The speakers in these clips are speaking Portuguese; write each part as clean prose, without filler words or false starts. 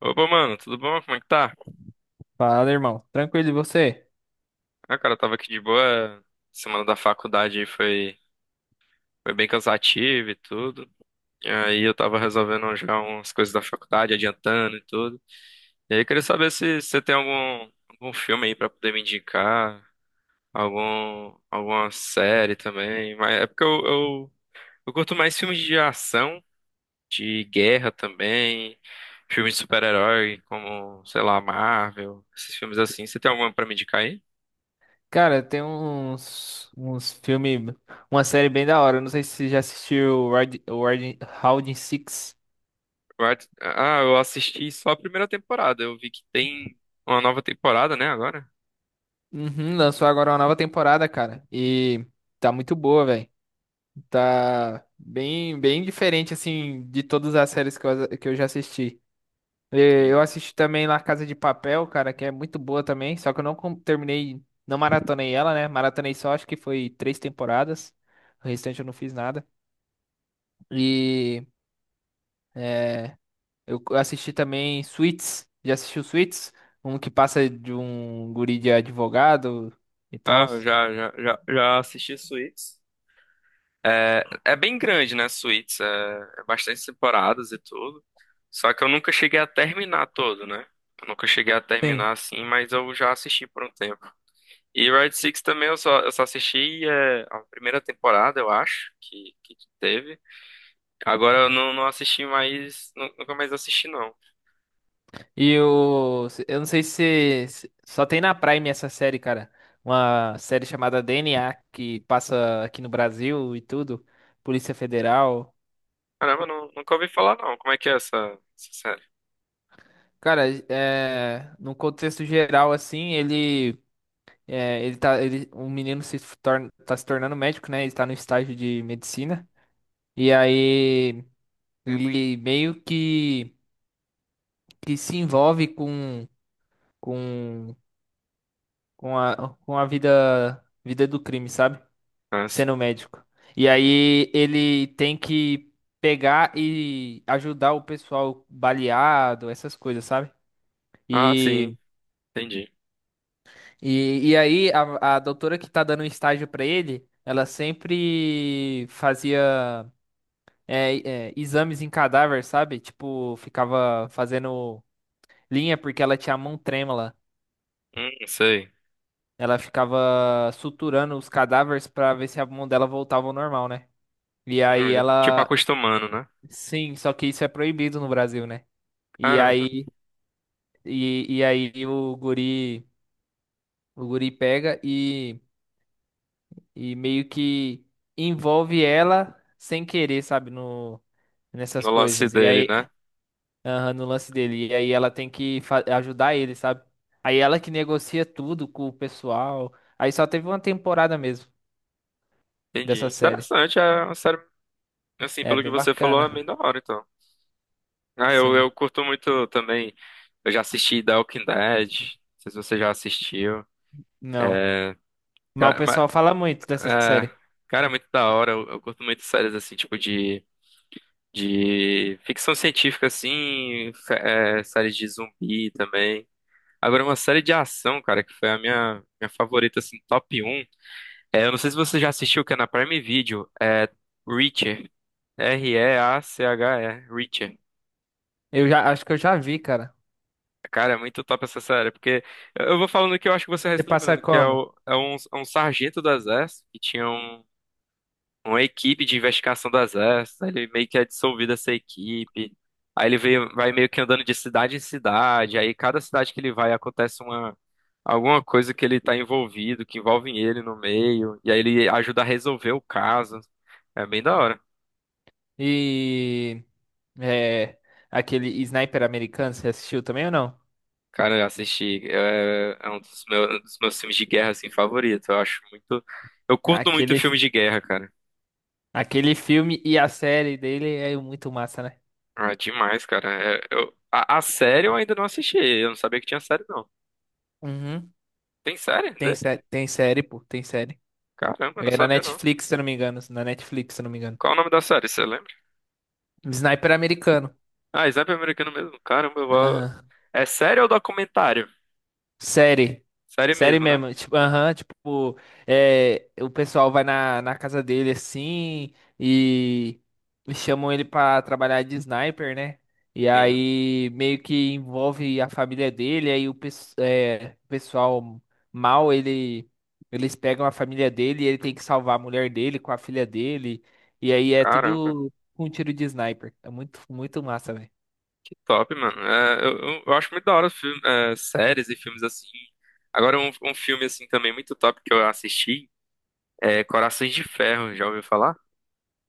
Opa, mano, tudo bom? Como é que tá? Fala, irmão. Tranquilo, e você? Ah, cara, eu tava aqui de boa. Semana da faculdade aí foi bem cansativa e tudo. E aí eu tava resolvendo já umas coisas da faculdade, adiantando e tudo. E aí eu queria saber se você tem algum filme aí pra poder me indicar, alguma série também. Mas é porque eu curto mais filmes de ação, de guerra também, filmes de super-herói, como, sei lá, Marvel, esses filmes assim. Você tem alguma pra me indicar aí? Cara, tem uns filmes, uma série bem da hora. Eu não sei se você já assistiu Round Six. Ah, eu assisti só a primeira temporada. Eu vi que tem uma nova temporada, né, agora? Uhum, lançou agora uma nova temporada, cara. E tá muito boa, velho. Tá bem diferente, assim, de todas as séries que eu já assisti. E Eu Sim. assisti também La Casa de Papel, cara, que é muito boa também. Só que eu terminei, não maratonei ela, né? Maratonei só, acho que foi três temporadas. O restante eu não fiz nada. E. É, eu assisti também Suits. Já assistiu Suits? Um que passa de um guri de advogado e Ah, tal. eu já assisti Suits. É, é bem grande, né, Suits? É bastante temporadas e tudo. Só que eu nunca cheguei a terminar todo, né? Eu nunca cheguei a Sim. terminar assim, mas eu já assisti por um tempo. E Red Six também eu só assisti a primeira temporada, eu acho, que teve. Agora eu não, não assisti mais, nunca mais assisti, não. Eu não sei se, só tem na Prime essa série, cara. Uma série chamada DNA que passa aqui no Brasil e tudo. Polícia Federal. Caramba, não, nunca ouvi falar não. Como é que é essa série? Cara, num contexto geral, assim, ele, é, ele tá, ele, um menino se torna, tá se tornando médico, né? Ele tá no estágio de medicina. E aí ele que se envolve com, com a vida do crime, sabe? Ah, sim. Sendo médico. E aí ele tem que pegar e ajudar o pessoal baleado, essas coisas, sabe? Ah, sim. E Entendi. E aí a doutora que tá dando estágio pra ele, ela sempre fazia exames em cadáver, sabe? Tipo, ficava fazendo linha porque ela tinha a mão trêmula. Sei. Ela ficava suturando os cadáveres pra ver se a mão dela voltava ao normal, né? E aí Tipo ela. acostumando, né? Sim, só que isso é proibido no Brasil, né? E Caramba. aí E, e aí o guri pega e. e meio que envolve ela sem querer, sabe? No, nessas No lance coisas. E dele, aí né? aham, no lance dele. E aí ela tem que ajudar ele, sabe? Aí ela que negocia tudo com o pessoal. Aí só teve uma temporada mesmo Entendi. dessa série. Interessante. É uma série, assim, É pelo que bem você falou, é bem bacana. da hora, então. Ah, eu Sim. curto muito também. Eu já assisti The Walking Dead. Não sei se você já assistiu. Não. É, Mas o ca- ma- pessoal fala muito dessa é, série. cara, é muito da hora. Eu curto muito séries, assim, tipo de ficção científica, assim, séries de zumbi também. Agora, uma série de ação, cara, que foi a minha favorita, assim, top um. É, eu não sei se você já assistiu, que é na Prime Video, é Reacher. REACHE, Reacher. Eu já acho que eu já vi, cara. Cara, é muito top essa série, porque eu vou falando que eu acho que você vai Você se passa lembrando, que é, como? o- é um sargento do exército que tinha uma equipe de investigação do exército, aí ele meio que é dissolvido essa equipe. Aí ele veio, vai meio que andando de cidade em cidade, aí cada cidade que ele vai acontece uma alguma coisa que ele tá envolvido, que envolve ele no meio, e aí ele ajuda a resolver o caso. É bem da hora. E é aquele Sniper americano, você assistiu também ou não? Cara, eu assisti, é um dos um dos meus filmes de guerra assim favorito. Eu acho muito, eu curto muito Aquele filmes de guerra, cara. Filme e a série dele é muito massa, né? Ah, demais, cara. A série eu ainda não assisti. Eu não sabia que tinha série, não. Uhum. Tem série? Tem série, pô, tem série. Caramba, eu não É na sabia não. Netflix, se eu não me engano, na Netflix, se eu não me engano. Qual o nome da série, você lembra? Sniper americano. Ah, Sniper Americano mesmo. Caramba, eu vou Aham. É série ou documentário? Série. Série Série mesmo, né? mesmo. Tipo, aham, tipo, é, o pessoal vai na casa dele assim e e chamam ele pra trabalhar de sniper, né? E Sim. aí meio que envolve a família dele, aí o pessoal mal, ele, eles pegam a família dele e ele tem que salvar a mulher dele com a filha dele. E aí é Caramba, tudo com um tiro de sniper. É muito, muito massa, velho. que top, mano. Eu acho muito da hora filme, séries e filmes assim. Agora, um filme assim também muito top que eu assisti é Corações de Ferro, já ouviu falar?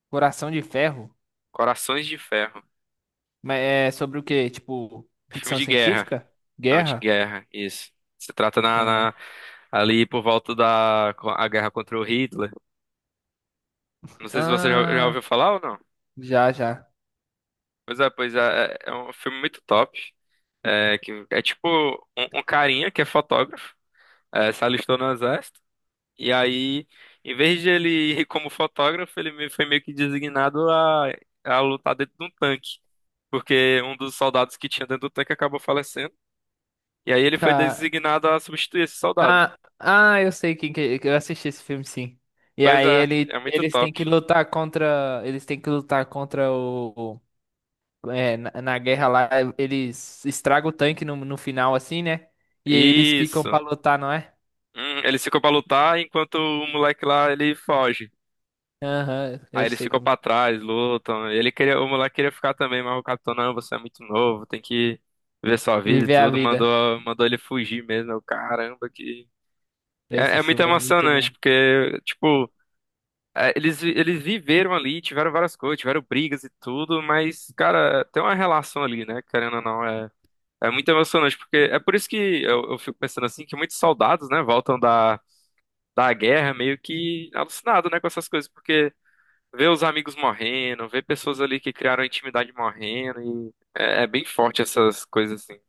Coração de Ferro. Corações de Ferro. Mas é sobre o quê? Tipo, É filme ficção de guerra. científica? Não, de Guerra? guerra, isso. Se trata na, Guerra. na- ali por volta da a guerra contra o Hitler. Não sei se você já Ah, ouviu falar ou não. já, já. Pois é, é um filme muito top. É, que é tipo um carinha que é fotógrafo, se alistou no exército, e aí, em vez de ele ir como fotógrafo, foi meio que designado a lutar dentro de um tanque, porque um dos soldados que tinha dentro do tanque acabou falecendo, e aí ele foi Ca- designado a substituir esse soldado. Ah, ah, eu sei quem que eu assisti esse filme sim. E Pois aí é, ele, é muito top. Eles têm que lutar contra o, é, na guerra lá, eles estragam o tanque no final assim, né? E aí eles ficam pra Isso. lutar, não é? Ele ficou pra lutar enquanto o moleque lá ele foge. Aham, Aí eu eles sei ficam como. pra trás, lutam. Ele queria, o moleque queria ficar também, mas o capitão, não, você é muito novo, tem que ver sua vida e Viver a tudo. vida. Mandou ele fugir mesmo. Eu, caramba, que. É, Esse é muito filme é muito emocionante, bom. porque, tipo, eles viveram ali, tiveram várias coisas, tiveram brigas e tudo, mas, cara, tem uma relação ali, né? Querendo ou não, é muito emocionante, porque é por isso que eu fico pensando assim, que muitos soldados, né, voltam da guerra meio que alucinados, né, com essas coisas, porque ver os amigos morrendo, ver pessoas ali que criaram intimidade morrendo é bem forte essas coisas assim.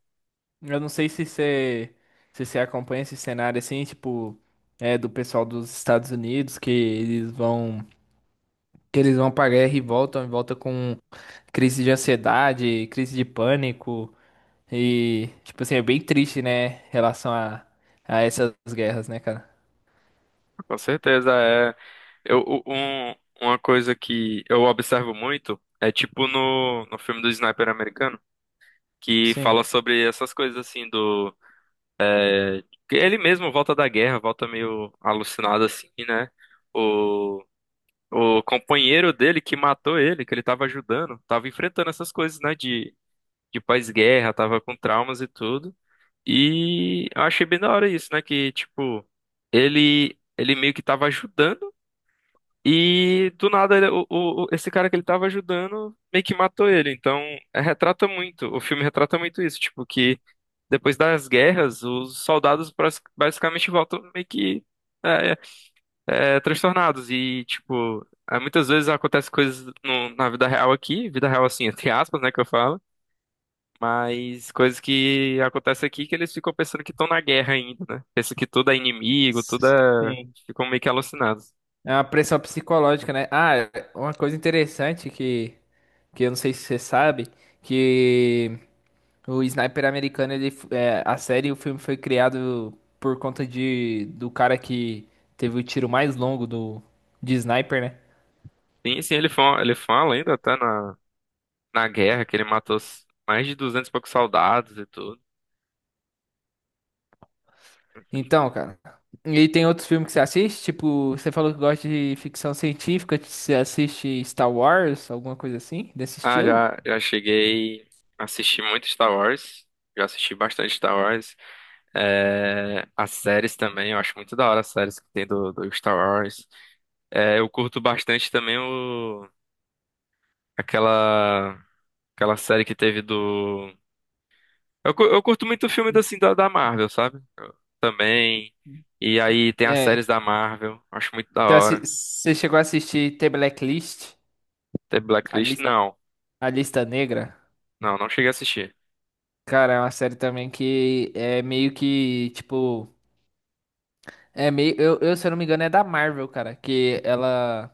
Eu não sei se você acompanha esse cenário assim, tipo, é do pessoal dos Estados Unidos que eles vão pra guerra e voltam, e volta com crise de ansiedade, crise de pânico e tipo assim, é bem triste, né, em relação a essas guerras, né, cara? Com certeza é. Eu, u- um- uma coisa que eu observo muito é tipo no filme do Sniper americano, que Sim. fala sobre essas coisas assim do que ele mesmo volta da guerra, volta meio alucinado assim, né? O, o companheiro dele que matou ele, que ele tava ajudando, tava enfrentando essas coisas, né? De pós-guerra, tava com traumas e tudo. E eu achei bem da hora isso, né? Que, tipo, ele meio que tava ajudando e do nada esse cara que ele tava ajudando meio que matou ele. Então, retrata muito, o filme retrata muito isso, tipo, que depois das guerras, os soldados basicamente voltam meio que é, é, transtornados. E, tipo, é, muitas vezes acontecem coisas na vida real aqui, vida real assim, entre aspas, né, que eu falo. Mas coisas que acontecem aqui que eles ficam pensando que estão na guerra ainda, né? Pensam que tudo é inimigo, tudo é Sim. Ficam meio que alucinados. É uma pressão psicológica, né? Ah, uma coisa interessante que eu não sei se você sabe, que o Sniper americano, a série, o filme foi criado por conta de, do cara que teve o tiro mais longo do, de Sniper, né? Sim, sim, ele fala ainda até na guerra que ele matou mais de 200 e poucos soldados e tudo. Então, cara. E tem outros filmes que você assiste? Tipo, você falou que gosta de ficção científica, você assiste Star Wars, alguma coisa assim, desse Ah, estilo? já, já cheguei a assistir muito Star Wars. Já assisti bastante Star Wars. É, as séries também, eu acho muito da hora as séries que tem do Star Wars. É, eu curto bastante também aquela, aquela série que teve do eu curto muito filme assim, da Marvel, sabe? Eu também. E aí tem as É. séries da Marvel. Acho muito da hora. você chegou a assistir The Blacklist, Tem a, Blacklist? lis- Não. a Lista Negra? Não, não cheguei a assistir. Cara, é uma série também que é meio que, tipo. É meio, se eu não me engano, é da Marvel, cara,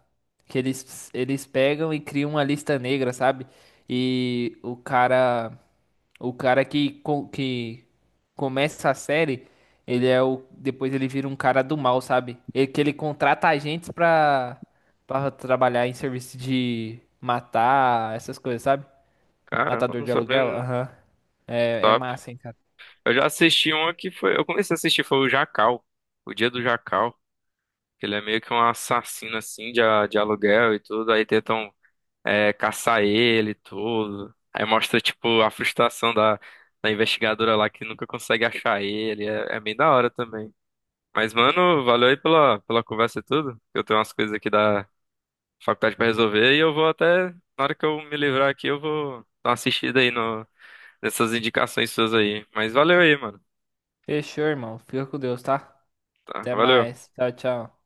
que eles pegam e criam uma lista negra, sabe? E o cara que, que começa a série, ele é o, depois ele vira um cara do mal, sabe? Ele, que ele contrata agentes pra trabalhar em serviço de matar, essas coisas, sabe? Caramba, Matador não de sabia, aluguel, não. aham. É, é Top. massa, hein, cara. Eu já assisti uma que foi, eu comecei a assistir, foi o Jacal. O Dia do Jacal. Que ele é meio que um assassino assim de aluguel e tudo. Aí tentam caçar ele e tudo. Aí mostra, tipo, a frustração da investigadora lá que nunca consegue achar ele. É, é bem da hora também. Mas, mano, valeu aí pela conversa e tudo. Eu tenho umas coisas aqui da faculdade pra resolver e eu vou até, na hora que eu me livrar aqui, eu vou dar uma assistida aí no, nessas indicações suas aí. Mas valeu aí, mano. Fechou, irmão. Fica com Deus, tá? Tá, Até valeu. mais. Tchau, tchau.